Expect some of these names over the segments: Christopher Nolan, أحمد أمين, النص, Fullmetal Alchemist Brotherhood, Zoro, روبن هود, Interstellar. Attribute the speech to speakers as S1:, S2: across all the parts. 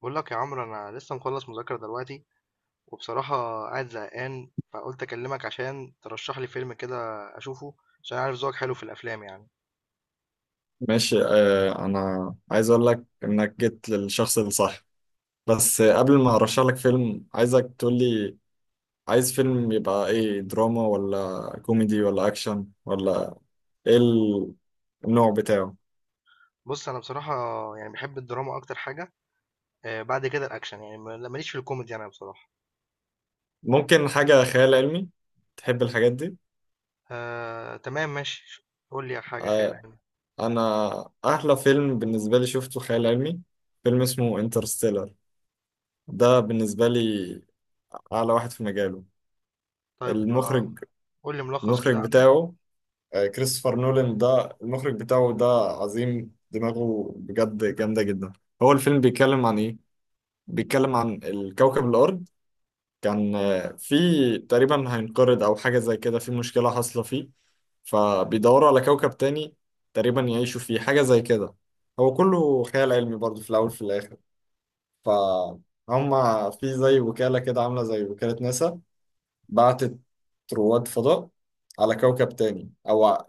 S1: بقول لك يا عمرو انا لسه مخلص مذاكره دلوقتي وبصراحه قاعد زهقان فقلت اكلمك عشان ترشح لي فيلم كده اشوفه عشان عارف ذوقك حلو في الافلام يعني.
S2: ماشي، آه، انا عايز اقول لك انك جيت للشخص الصح. بس قبل ما ارشح لك فيلم عايزك تقول لي، عايز فيلم يبقى ايه، دراما ولا كوميدي ولا اكشن ولا ايه النوع بتاعه؟
S1: بص انا بصراحه يعني بحب الدراما اكتر حاجه. آه بعد كده الاكشن يعني ماليش في الكوميدي انا بصراحه.
S2: ممكن حاجة خيال علمي، تحب الحاجات دي؟
S1: آه تمام ماشي قول لي حاجه خيال
S2: آه.
S1: علمي.
S2: انا احلى فيلم بالنسبة لي شفته خيال علمي، فيلم اسمه انترستيلر. ده بالنسبة لي اعلى واحد في مجاله.
S1: طيب آه،
S2: المخرج
S1: قول لي ملخص
S2: المخرج
S1: كده عنه.
S2: بتاعه كريستوفر نولان، ده المخرج بتاعه ده. عظيم، دماغه بجد جامدة جدا. هو الفيلم بيتكلم عن ايه؟ بيتكلم عن الكوكب الأرض، كان في تقريبا هينقرض أو حاجة زي كده، في مشكلة حاصلة فيه. فبيدوروا على كوكب تاني تقريبا يعيشوا فيه، حاجة زي كده. هو كله خيال علمي برضه في الأول في الآخر. فهم في زي وكالة كده عاملة زي وكالة ناسا، بعتت رواد فضاء على كوكب تاني أو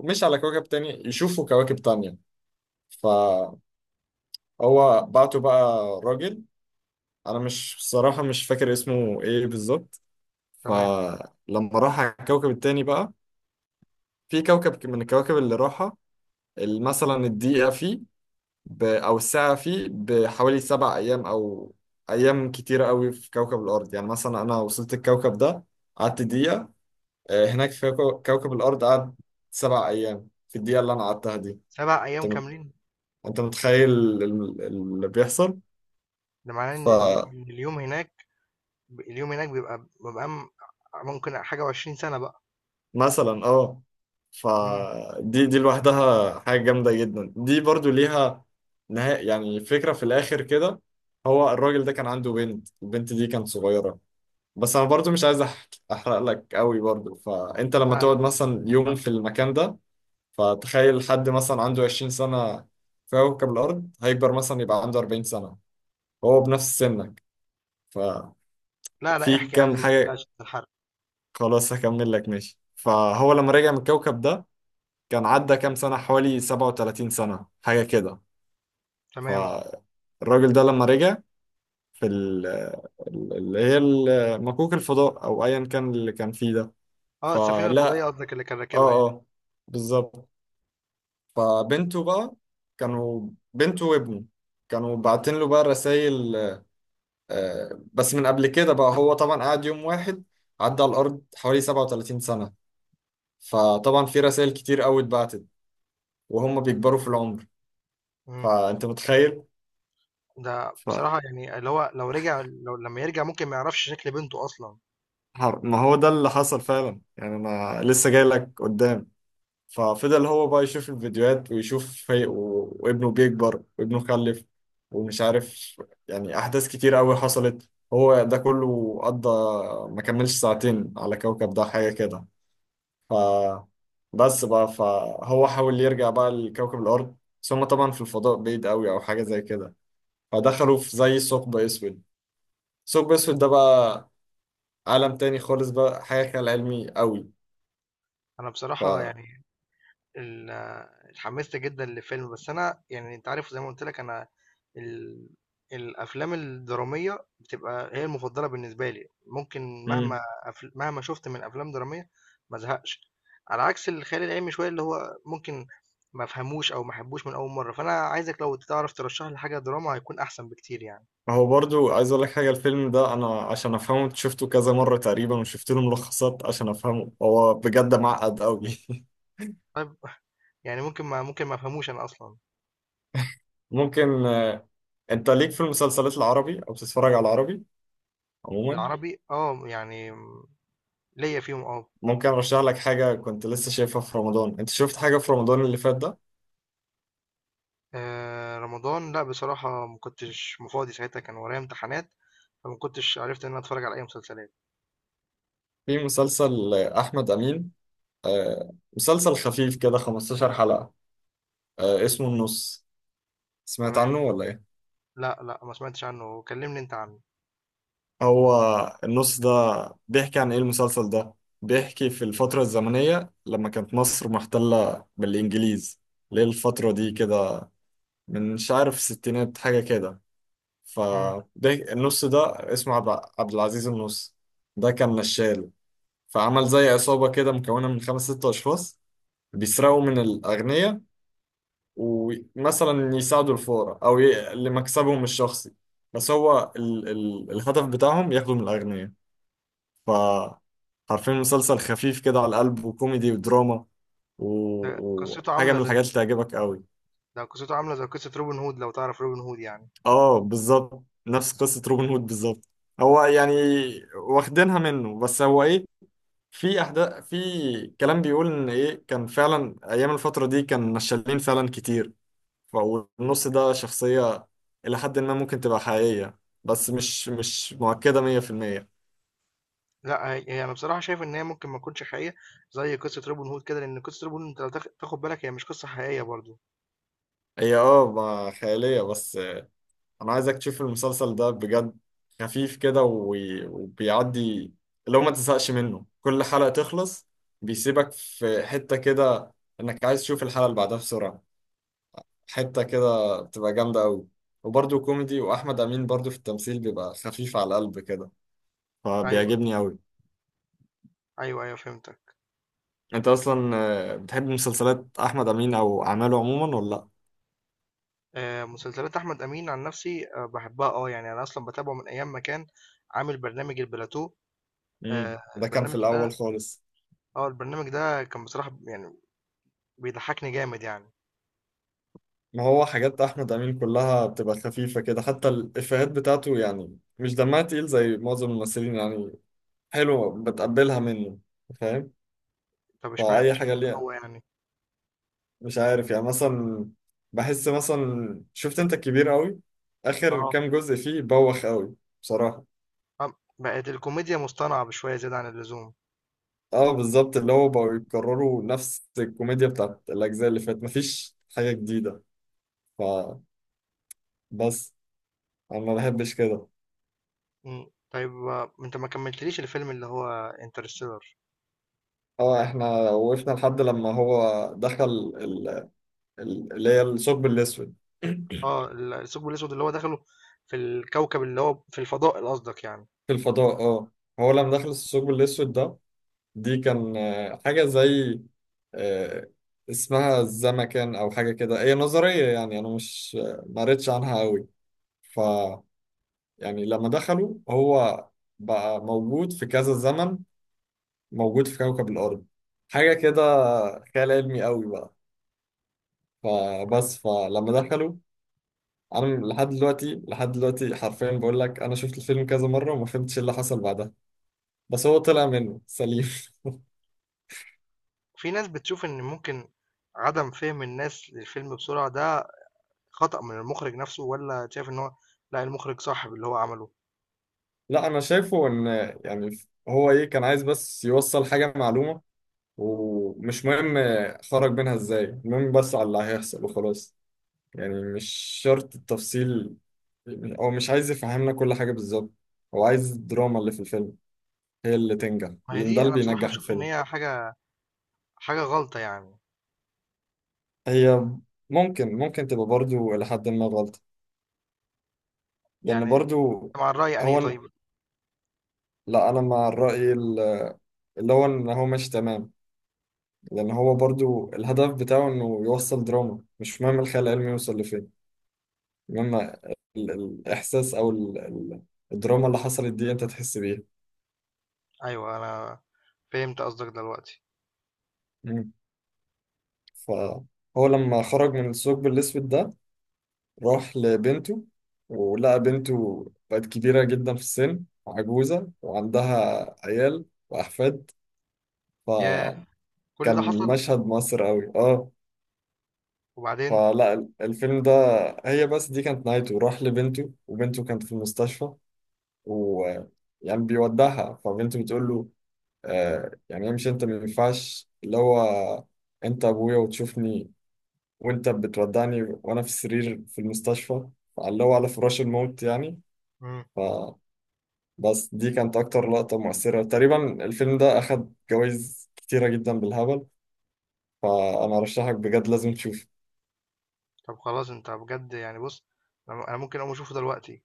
S2: مش على كوكب تاني، يشوفوا كواكب تانية. فهو بعته بقى، راجل، أنا مش بصراحة مش فاكر اسمه إيه بالظبط.
S1: تمام.
S2: فلما راح على الكوكب التاني بقى، في كوكب من الكواكب اللي راحة، مثلا الدقيقة فيه أو الساعة فيه بحوالي 7 أيام، أو أيام كتيرة قوي في كوكب الأرض. يعني مثلا أنا وصلت الكوكب ده، قعدت دقيقة، هناك في كوكب الأرض قعد 7 أيام في الدقيقة اللي أنا قعدتها دي.
S1: 7 ايام
S2: أنت مت-
S1: كاملين؟
S2: أنت متخيل اللي بيحصل؟
S1: ده معناه ان
S2: فمثلا،
S1: إن اليوم هناك بيبقى ممكن حاجه و20 سنه بقى.
S2: أه،
S1: مم.
S2: فدي لوحدها حاجة جامدة جدا. دي برضو ليها نهاية يعني، فكرة في الآخر كده. هو الراجل ده كان عنده بنت، البنت دي كانت صغيرة، بس أنا برضو مش عايز أحرق لك قوي برضو. فأنت لما
S1: لا لا
S2: تقعد مثلا يوم في المكان ده، فتخيل حد مثلا عنده 20 سنة في كوكب الأرض هيكبر مثلا يبقى عنده 40 سنة وهو بنفس سنك. ففي
S1: لا لا احكي عادي
S2: كام
S1: ما
S2: حاجة،
S1: تقلقش من الحرق.
S2: خلاص هكمل لك ماشي. فهو لما رجع من الكوكب ده، كان عدى كام سنة، حوالي 37 سنة حاجة كده.
S1: تمام.
S2: فالراجل ده لما رجع في اللي هي مكوك الفضاء أو أيا كان اللي كان فيه ده.
S1: اه السفينة الفضائية
S2: فلا
S1: قصدك اللي كان راكبها
S2: اه
S1: يعني.
S2: اه، بالظبط. فبنته بقى، كانوا بنته وابنه كانوا باعتين له بقى رسائل. بس من قبل كده بقى، هو طبعا قعد يوم واحد، عدى على الأرض حوالي 37 سنة. فطبعا في رسائل كتير قوي اتبعتت وهم بيكبروا في العمر.
S1: مم.
S2: فأنت متخيل؟
S1: ده
S2: ف...
S1: بصراحة يعني اللي هو لو لما يرجع ممكن ما يعرفش شكل بنته أصلا.
S2: ما هو ده اللي حصل فعلا يعني، أنا لسه جاي لك قدام. ففضل هو بقى يشوف الفيديوهات ويشوف وابنه بيكبر وابنه خلف ومش عارف، يعني أحداث كتير قوي حصلت. هو ده كله قضى، ما كملش ساعتين على كوكب ده حاجة كده. ف بس بقى، فهو حاول يرجع بقى لكوكب الأرض، بس هما طبعا في الفضاء بعيد قوي أو حاجة زي كده، فدخلوا في زي ثقب أسود. ثقب أسود ده بقى عالم تاني خالص بقى، حاجة خيال علمي قوي.
S1: أنا
S2: ف
S1: بصراحة يعني ال اتحمست جدًا لفيلم، بس أنا يعني أنت عارف زي ما قُلت لك أنا ال الأفلام الدرامية بتبقى هي المفضلة بالنسبة لي، ممكن
S2: مم.
S1: مهما شُفت من أفلام درامية ما أزهقش، على عكس الخيال العلمي شوية اللي هو ممكن ما أفهموش أو ما أحبوش من أول مرّة، فأنا عايزك لو تعرف ترشّح لي حاجة دراما هيكون أحسن بكتير يعني.
S2: فهو برضو عايز أقول لك حاجة، الفيلم ده أنا عشان أفهمه شفته كذا مرة تقريبا وشفت له ملخصات عشان أفهمه، هو بجد معقد قوي
S1: طيب. يعني ممكن ما أفهموش أنا أصلًا.
S2: ممكن أنت ليك في المسلسلات العربي أو بتتفرج على العربي عموما،
S1: العربي آه، يعني ليّا فيهم آه.
S2: ممكن ارشح لك حاجه كنت لسه شايفها في رمضان. انت شفت حاجه في رمضان اللي فات ده؟
S1: رمضان لأ، بصراحة ما كنتش فاضي ساعتها كان ورايا امتحانات، فما كنتش عرفت إن أنا أتفرّج على أي مسلسلات.
S2: في مسلسل احمد امين، مسلسل خفيف كده 15 حلقه، اسمه النص. سمعت
S1: تمام.
S2: عنه ولا ايه؟
S1: لأ، لأ، ما سمعتش عنّه، كلّمني أنت عنّه.
S2: هو النص ده بيحكي عن ايه المسلسل ده؟ بيحكي في الفتره الزمنيه لما كانت مصر محتله بالانجليز، ليه الفتره دي كده، من مش عارف الستينات حاجه كده.
S1: إمم.
S2: فده النص ده اسمه عبد العزيز النص، ده كان نشال. فعمل زي عصابة كده مكونة من خمس ست أشخاص، بيسرقوا من الأغنياء ومثلا يساعدوا الفقراء أو لمكسبهم الشخصي. بس هو الهدف بتاعهم ياخدوا من الأغنياء. ف عارفين مسلسل خفيف كده على القلب، وكوميدي ودراما و...
S1: قصّته
S2: وحاجة
S1: عاملة
S2: من
S1: زي
S2: الحاجات اللي تعجبك
S1: آه.
S2: قوي.
S1: ده قصّته عاملة زي قصّة روبن هود لو تعرف روبن هود يعني.
S2: اه، بالظبط نفس قصة روبن هود بالظبط، هو يعني واخدينها منه. بس هو ايه، في احداث في كلام بيقول ان ايه، كان فعلا ايام الفتره دي كان نشالين فعلا كتير. فالنص ده شخصيه الى حد ما ممكن تبقى حقيقيه، بس مش مؤكده 100%.
S1: لأ، هي أنا بصراحة شايف إن هي ممكن ما تكونش حقيقية زي قصّة روبن هود كده، لإن قصّة روبن هود أنت لو تاخُد بالك هي مش قصّة حقيقية برضه.
S2: هي اه، ما خياليه. بس انا عايزك تشوف المسلسل ده بجد، خفيف كده وبيعدي، لو ما تزهقش منه، كل حلقه تخلص بيسيبك في حته كده انك عايز تشوف الحلقه اللي بعدها بسرعه. حتة كده بتبقى جامدة أوي، وبرضه كوميدي، وأحمد أمين برضه في التمثيل بيبقى خفيف على القلب كده،
S1: أيوه،
S2: فبيعجبني أوي.
S1: أيوه، أيوه فهمتك.
S2: أنت أصلا بتحب مسلسلات أحمد أمين أو أعماله عموما ولا لأ؟
S1: مسلسلات أحمد أمين عن نَفْسي باحبّها آه، يعني أنا أصلًا باتابعه من أيام ما كان عامل برنامج البلاتو.
S2: مم.
S1: آآ
S2: ده كان في
S1: البرنامج
S2: الأول
S1: ده
S2: خالص.
S1: البرنامج ده كان بصراحة يعني بيضحّكني جامد يعني،
S2: ما هو حاجات أحمد أمين كلها بتبقى خفيفة كده، حتى الإفيهات بتاعته يعني مش دمها تقيل زي معظم الممثلين يعني، حلوة بتقبلها منه، فاهم؟
S1: طب
S2: فأي حاجة
S1: إشمعنى هو
S2: ليه،
S1: يعني؟
S2: مش عارف يعني. مثلا بحس مثلا شفت انت الكبير قوي، اخر
S1: آه،
S2: كام جزء فيه بوخ قوي بصراحة.
S1: آه، بقت الكوميديا مصطنعة بشوية زيادة عن اللزوم،
S2: اه بالظبط، اللي هو بقوا يكرروا نفس الكوميديا بتاعت الاجزاء اللي فاتت، مفيش حاجة جديدة. فبس، انا ما بحبش كده.
S1: إمم، طيب آه، أنت ما كمّلتليش الفيلم اللي هو Interstellar.
S2: اه. احنا وقفنا لحد لما هو دخل ال- اللي هي الثقب الاسود
S1: آه، الثقب الأسود اللي هو دخله في الكوكب اللي هو في الفضاء قصدك يعني،
S2: في الفضاء، اه. هو لما دخل الثقب الاسود ده، دي كان حاجة زي آه، اسمها الزمكان أو حاجة كده، هي نظرية يعني. أنا مش ما قريتش عنها أوي. ف يعني لما دخلوا، هو بقى موجود في كذا زمن، موجود في كوكب الأرض، حاجة كده، خيال علمي أوي بقى.
S1: إمم،
S2: فبس، فلما دخلوا، أنا لحد دلوقتي حرفيا بقول لك، أنا شفت الفيلم كذا مرة وما فهمتش إيه اللي حصل بعدها، بس هو طلع منه سليم
S1: في ناس بتشوف إن ممكن عدم فهم الناس للفيلم بسرعة ده خطأ من المُخرِج نَفْسه والّا شايف إن هو لأ، المُخرِج صح باللي هو عمله؟
S2: لا، انا شايفه ان يعني، هو ايه، كان عايز بس يوصل حاجه معلومه، ومش مهم خرج منها ازاي، المهم بس على اللي هيحصل وخلاص. يعني مش شرط التفصيل، يعني هو مش عايز يفهمنا كل حاجه بالظبط، هو عايز الدراما اللي في الفيلم هي اللي تنجح،
S1: ما هي
S2: لان ده
S1: دي
S2: اللي
S1: أنا بصراحة
S2: بينجح
S1: باشوف إن
S2: الفيلم.
S1: هي حاجة غلطة يعني،
S2: هي ممكن تبقى برضو لحد ما غلط، لان
S1: يعني
S2: برضو
S1: مع الرأي أنهي
S2: هو،
S1: طيب؟
S2: لا، انا مع الراي اللي هو ان هو مش تمام. لأن هو برضو الهدف بتاعه إنه يوصل دراما، مش مهم الخيال العلمي يوصل لفين، المهم الإحساس أو الدراما اللي حصلت دي أنت تحس بيها.
S1: أيوه أنا فهمت قصدك دلوقتي،
S2: مم. فهو لما خرج من الثقب الأسود ده، راح لبنته، ولقى بنته بقت كبيرة جدا في السن، عجوزة وعندها عيال وأحفاد.
S1: ياه!
S2: فكان
S1: كل ده حصل؟
S2: مشهد مصر قوي، اه.
S1: وبعدين؟
S2: الفيلم ده، هي بس دي كانت نهايته، راح لبنته وبنته كانت في المستشفى و يعني بيودعها. فبنت بتقول له آه يعني امشي انت، ما ينفعش اللي هو انت ابويا وتشوفني وانت بتودعني وانا في السرير في المستشفى، اللي هو على فراش الموت يعني.
S1: إمم،
S2: فبس، دي كانت اكتر لقطة مؤثرة تقريبا. الفيلم ده اخد جوائز كتيرة جدا بالهبل، فانا ارشحك بجد لازم تشوفه.
S1: طب خلاص أنت بجد يعني بُص أنا ممكن أقوم أشوفه دلوقتي،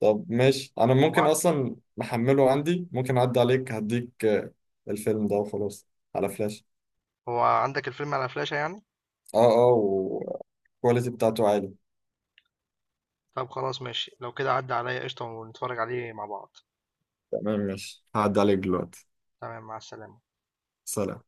S2: طب ماشي، انا
S1: هو
S2: ممكن
S1: ع
S2: اصلا محمله عندي، ممكن اعدي عليك هديك الفيلم ده وخلاص على فلاش.
S1: هو عندك الفيلم على فلاشة يعني؟
S2: اه، اه، والكواليتي بتاعته عالي.
S1: طب خلاص ماشي، لو كده عدّي عليَّ قشطة ونتفرج عليه مع بعض،
S2: تمام ماشي، هعدي عليك دلوقتي.
S1: تمام مع السلامة.
S2: سلام.